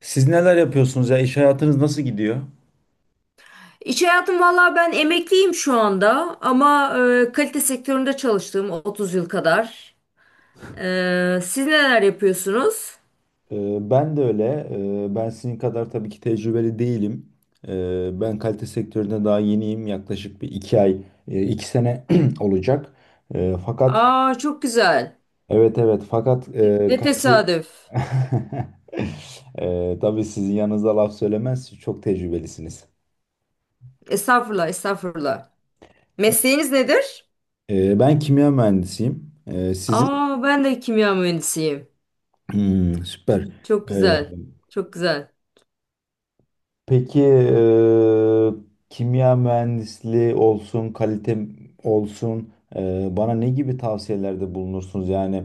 Siz neler yapıyorsunuz ya? İş hayatınız nasıl gidiyor? İş hayatım valla ben emekliyim şu anda ama kalite sektöründe çalıştım 30 yıl kadar. Siz neler yapıyorsunuz? Ben de öyle. Ben sizin kadar tabii ki tecrübeli değilim. Ben kalite sektöründe daha yeniyim. Yaklaşık bir iki ay, iki sene olacak. Ee, Fakat Aa çok güzel. evet evet fakat e, Ne kalite... tesadüf. Tabii sizin yanınızda laf söylemez. Siz çok tecrübelisiniz. Estağfurullah, estağfurullah. Mesleğiniz nedir? Ben kimya mühendisiyim. Sizin. Aa ben de kimya mühendisiyim. Hmm, süper. Çok Ee, güzel, çok güzel. Peki, kimya mühendisliği olsun, kalite olsun, bana ne gibi tavsiyelerde bulunursunuz? Yani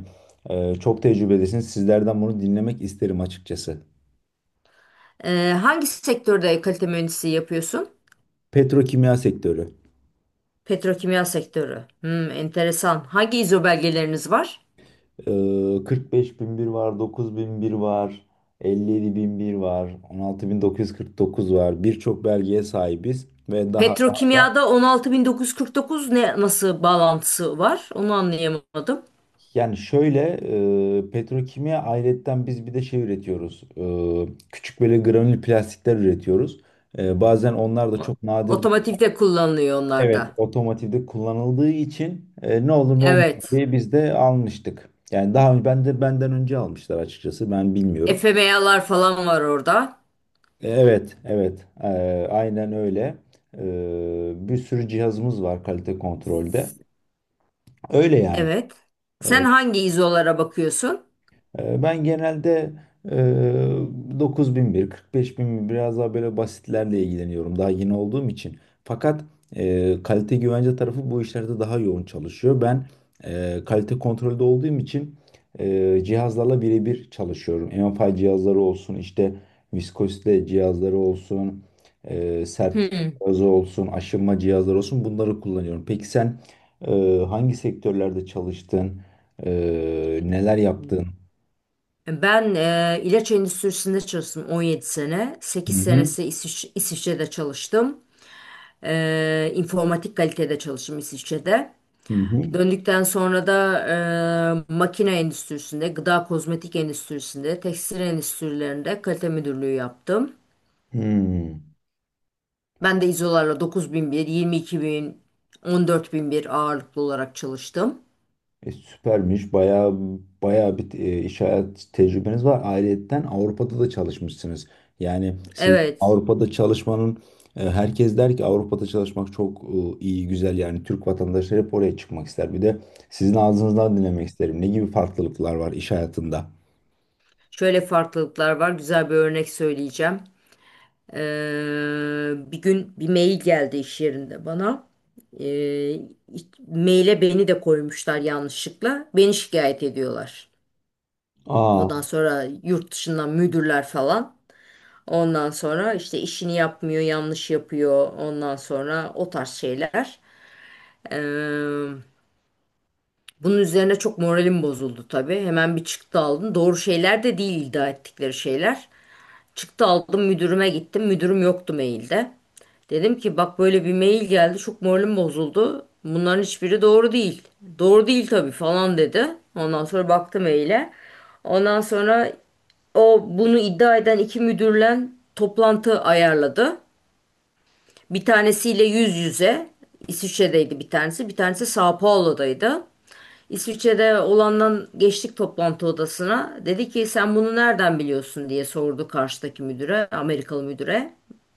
çok tecrübelisiniz. Sizlerden bunu dinlemek isterim açıkçası. Hangi sektörde kalite mühendisliği yapıyorsun? Petrokimya sektörü. Petrokimya sektörü. Hmm, enteresan. Hangi ISO belgeleriniz var? 45001 var, 9001 var, 57001 var, 16.949 var. Birçok belgeye sahibiz ve daha. Petrokimyada 16.949 ne nasıl bağlantısı var? Onu anlayamadım. Yani şöyle, petrokimya ayrıyetten biz bir de şey üretiyoruz. Küçük böyle granül plastikler üretiyoruz. Bazen onlar da O- çok nadir. Otomotivde kullanılıyor Evet, onlarda. otomotivde kullanıldığı için ne olur ne olmaz Evet. diye biz de almıştık. Yani daha önce benden önce almışlar, açıkçası ben bilmiyorum. FMA'lar falan var orada. Evet, evet. Aynen öyle. Bir sürü cihazımız var kalite kontrolde. Öyle yani. Evet. Sen hangi izolara bakıyorsun? Ben genelde e, 9001, 45001 biraz daha böyle basitlerle ilgileniyorum daha yeni olduğum için. Fakat kalite güvence tarafı bu işlerde daha yoğun çalışıyor. Ben kalite kontrolde olduğum için cihazlarla birebir çalışıyorum. MFI cihazları olsun, işte viskozite cihazları olsun, sertlik Hmm. cihazı olsun, aşınma cihazları olsun, bunları kullanıyorum. Peki sen e, hangi sektörlerde çalıştın? E, Neler yaptın? Ben ilaç endüstrisinde çalıştım 17 sene. Hı 8 hı. senesi İsviçre'de çalıştım. İnformatik kalitede çalıştım İsviçre'de. Hı hı. Döndükten sonra da makine endüstrisinde, gıda kozmetik endüstrisinde, tekstil endüstrilerinde kalite müdürlüğü yaptım. Hmm. Ben de İzolar'la 9001, 22000, bir yirmi iki bin, on dört bin bir ağırlıklı olarak çalıştım. Süpermiş. Bayağı bayağı bir iş hayat tecrübeniz var. Ayrıyeten Avrupa'da da çalışmışsınız. Yani siz Evet, Avrupa'da çalışmanın herkes der ki Avrupa'da çalışmak çok iyi, güzel. Yani Türk vatandaşları hep oraya çıkmak ister. Bir de sizin ağzınızdan dinlemek isterim. Ne gibi farklılıklar var iş hayatında? şöyle farklılıklar var. Güzel bir örnek söyleyeceğim. E, bir gün bir mail geldi iş yerinde bana. E, maile beni de koymuşlar yanlışlıkla. Beni şikayet ediyorlar. Aa. Ondan sonra yurt dışından müdürler falan. Ondan sonra işte işini yapmıyor, yanlış yapıyor. Ondan sonra o tarz şeyler. Eee, bunun üzerine çok moralim bozuldu tabii. Hemen bir çıktı aldım. Doğru şeyler de değil iddia ettikleri şeyler. Çıktı aldım müdürüme gittim. Müdürüm yoktu mailde. Dedim ki bak böyle bir mail geldi. Çok moralim bozuldu. Bunların hiçbiri doğru değil. Doğru değil tabii falan dedi. Ondan sonra baktı maile. Ondan sonra o bunu iddia eden iki müdürle toplantı ayarladı. Bir tanesiyle yüz yüze. İsviçre'deydi bir tanesi. Bir tanesi Sao Paulo'daydı. İsviçre'de olandan geçtik toplantı odasına. Dedi ki sen bunu nereden biliyorsun diye sordu karşıdaki müdüre, Amerikalı müdüre.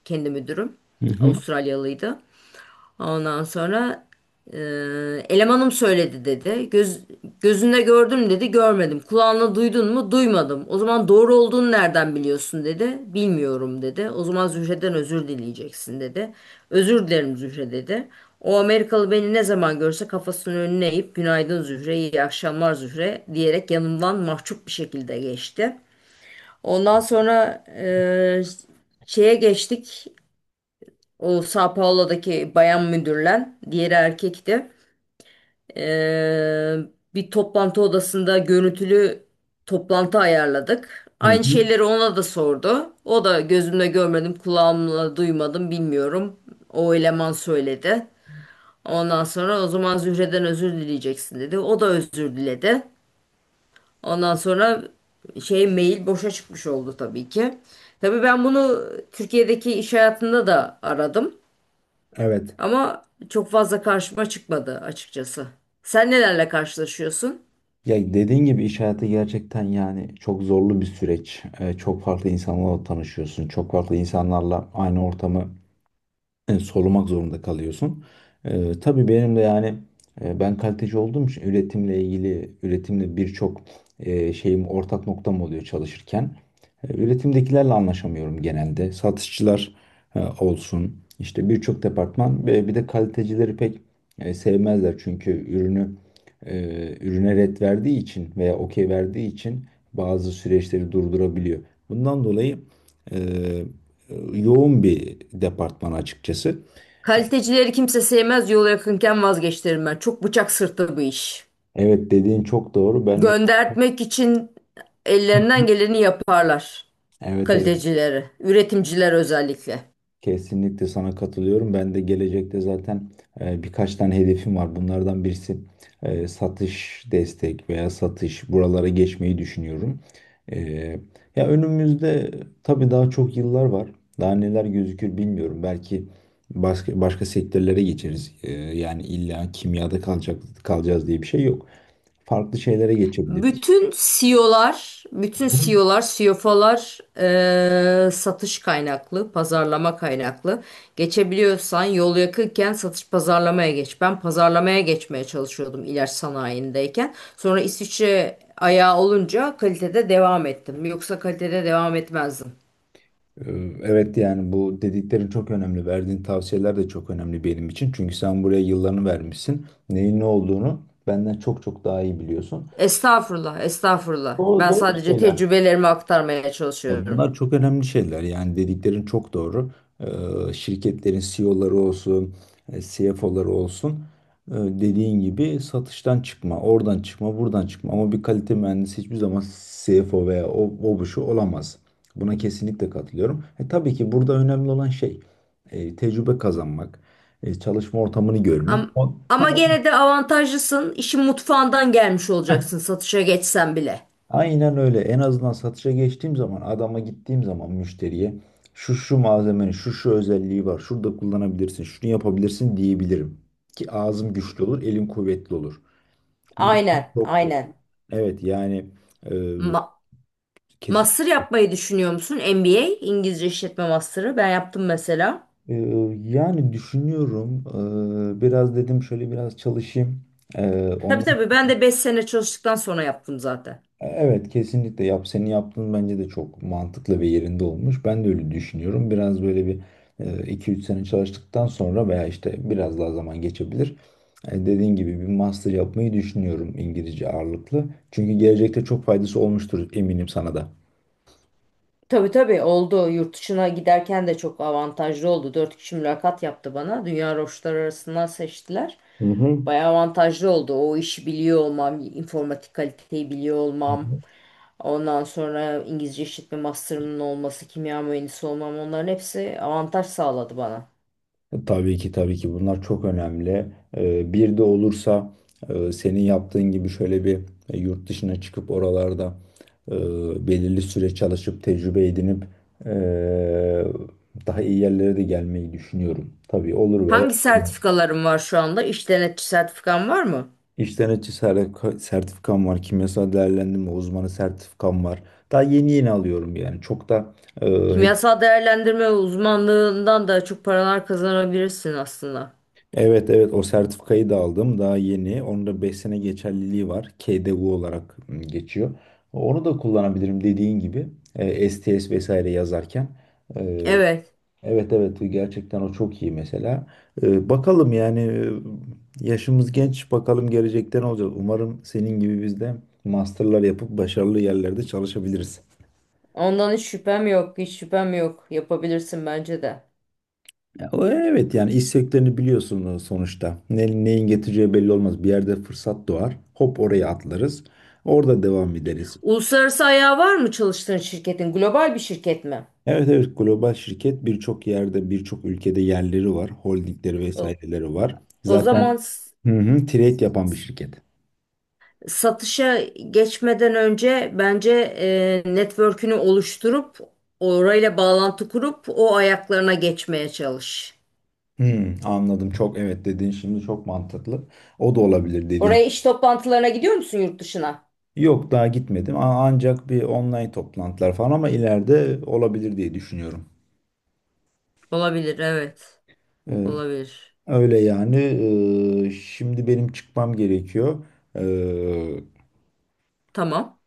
Kendi müdürüm. Hı hı. Avustralyalıydı. Ondan sonra elemanım söyledi dedi. Gözünde gördün mü dedi. Görmedim. Kulağınla duydun mu? Duymadım. O zaman doğru olduğunu nereden biliyorsun dedi. Bilmiyorum dedi. O zaman Zühre'den özür dileyeceksin dedi. Özür dilerim Zühre dedi. O Amerikalı beni ne zaman görse kafasının önüne eğip günaydın Zühre, iyi akşamlar Zühre diyerek yanımdan mahcup bir şekilde geçti. Ondan sonra şeye geçtik. O Sao Paulo'daki bayan müdürle, diğeri erkekti. Ee, bir toplantı odasında görüntülü toplantı ayarladık. Hı Aynı hı. şeyleri ona da sordu. O da gözümle görmedim, kulağımla duymadım, bilmiyorum. O eleman söyledi. Ondan sonra o zaman Zühre'den özür dileyeceksin dedi. O da özür diledi. Ondan sonra şey mail boşa çıkmış oldu tabii ki. Tabii ben bunu Türkiye'deki iş hayatında da aradım. Evet. Ama çok fazla karşıma çıkmadı açıkçası. Sen nelerle karşılaşıyorsun? Ya dediğin gibi iş hayatı gerçekten yani çok zorlu bir süreç. Çok farklı insanlarla tanışıyorsun. Çok farklı insanlarla aynı ortamı sorumak zorunda kalıyorsun. Tabii benim de yani ben kaliteci olduğum için üretimle ilgili üretimle birçok şeyim ortak noktam oluyor çalışırken. Üretimdekilerle anlaşamıyorum genelde. Satışçılar olsun, işte birçok departman, ve bir de kalitecileri pek sevmezler çünkü e, ürüne ret verdiği için veya okey verdiği için bazı süreçleri durdurabiliyor. Bundan dolayı e, yoğun bir departman açıkçası. Kalitecileri kimse sevmez, yol yakınken vazgeçtirim ben. Çok bıçak sırtı bu iş. Evet dediğin çok doğru. Ben de. Göndertmek için Hı ellerinden hı. geleni yaparlar Evet, evet, kalitecileri, üretimciler özellikle. kesinlikle sana katılıyorum. Ben de gelecekte zaten birkaç tane hedefim var. Bunlardan birisi, satış destek veya satış, buralara geçmeyi düşünüyorum. E, Ya önümüzde tabii daha çok yıllar var. Daha neler gözükür bilmiyorum. Belki başka, başka sektörlere geçeriz. Yani illa kimyada kalacağız diye bir şey yok. Farklı şeylere geçebiliriz. Bütün CEO'lar, bütün CEO'lar, CFO'lar satış kaynaklı, pazarlama kaynaklı. Geçebiliyorsan yol yakınken satış pazarlamaya geç. Ben pazarlamaya geçmeye çalışıyordum ilaç sanayindeyken. Sonra İsviçre ayağı olunca kalitede devam ettim. Yoksa kalitede devam etmezdim. Ee, Evet yani bu dediklerin çok önemli. Verdiğin tavsiyeler de çok önemli benim için. Çünkü sen buraya yıllarını vermişsin. Neyin ne olduğunu benden çok çok daha iyi biliyorsun. Estağfurullah, estağfurullah. Ben sadece tecrübelerimi aktarmaya Ya çalışıyorum. bunlar çok önemli şeyler. Yani dediklerin çok doğru. Şirketlerin CEO'ları olsun, CFO'ları olsun, dediğin gibi satıştan çıkma, oradan çıkma, buradan çıkma. Ama bir kalite mühendisi hiçbir zaman CFO veya o bu şu olamaz. Buna kesinlikle katılıyorum. Tabii ki burada önemli olan şey tecrübe kazanmak, çalışma ortamını görmek. Ama, O- ama gene de avantajlısın. İşin mutfağından gelmiş Ha, olacaksın satışa geçsen bile. aynen öyle. En azından satışa geçtiğim zaman, adama gittiğim zaman, müşteriye şu şu malzemenin şu şu özelliği var, şurada kullanabilirsin, şunu yapabilirsin diyebilirim. Ki ağzım güçlü olur, elim kuvvetli olur. Bu Aynen, çok doğru. aynen. Evet yani, e, Ma- kesin master yapmayı düşünüyor musun? MBA, İngilizce işletme master'ı. Ben yaptım mesela. e, yani düşünüyorum. Biraz dedim, şöyle biraz çalışayım. E, Tabii ondan tabii ben de 5 sene çalıştıktan sonra yaptım zaten. Evet kesinlikle yap, senin yaptığın bence de çok mantıklı ve yerinde olmuş. Ben de öyle düşünüyorum. Biraz böyle bir iki üç sene çalıştıktan sonra veya işte biraz daha zaman geçebilir. Dediğin gibi bir master yapmayı düşünüyorum, İngilizce ağırlıklı. Çünkü gelecekte çok faydası olmuştur, eminim sana da. Tabii tabii oldu. Yurt dışına giderken de çok avantajlı oldu. Dört kişi mülakat yaptı bana. Dünya roşları arasından seçtiler. Hı Bayağı avantajlı oldu. O işi biliyor olmam, informatik kaliteyi biliyor olmam. hı. Ondan sonra İngilizce işletme master'ımın olması, kimya mühendisi olmam onların hepsi avantaj sağladı bana. Tabii ki, tabii ki bunlar çok önemli. Bir de olursa, senin yaptığın gibi şöyle bir yurt dışına çıkıp oralarda belirli süre çalışıp tecrübe edinip e, daha iyi yerlere de gelmeyi düşünüyorum. Tabii olur veya Hangi olmaz. sertifikaların var şu anda? İş denetçi sertifikan var mı? İş sertifikam var. Kimyasal değerlendirme uzmanı sertifikam var. Daha yeni yeni alıyorum yani. Çok da e, Kimyasal değerlendirme uzmanlığından da çok paralar kazanabilirsin aslında. Evet evet, o sertifikayı da aldım daha yeni. Onun da 5 sene geçerliliği var. KDV olarak geçiyor. Onu da kullanabilirim dediğin gibi. STS vesaire yazarken. E, Evet, evet evet, gerçekten o çok iyi mesela. Bakalım yani, yaşımız genç, bakalım gelecekte ne olacak. Umarım senin gibi biz de masterlar yapıp başarılı yerlerde çalışabiliriz. ondan hiç şüphem yok, hiç şüphem yok. Yapabilirsin bence de. Ya, o evet yani iş sektörünü biliyorsun sonuçta. Neyin getireceği belli olmaz. Bir yerde fırsat doğar. Hop oraya atlarız. Orada devam ederiz. Uluslararası ayağı var mı çalıştığın şirketin? Global bir şirket mi? Evet evet, global şirket, birçok yerde birçok ülkede yerleri var. Holdingleri O, vesaireleri var. o zaman Zaten hı hı, trade yapan bir şirket. satışa geçmeden önce bence network'ünü oluşturup orayla bağlantı kurup o ayaklarına geçmeye çalış. Hmm, anladım, çok evet dediğin şimdi çok mantıklı. O da olabilir dediğin. Oraya iş toplantılarına gidiyor musun yurt dışına? Yok daha gitmedim. Ancak bir online toplantılar falan, ama ileride olabilir diye düşünüyorum. Olabilir, evet. Olabilir. Öyle yani. Şimdi benim çıkmam gerekiyor. Ee, Tamam.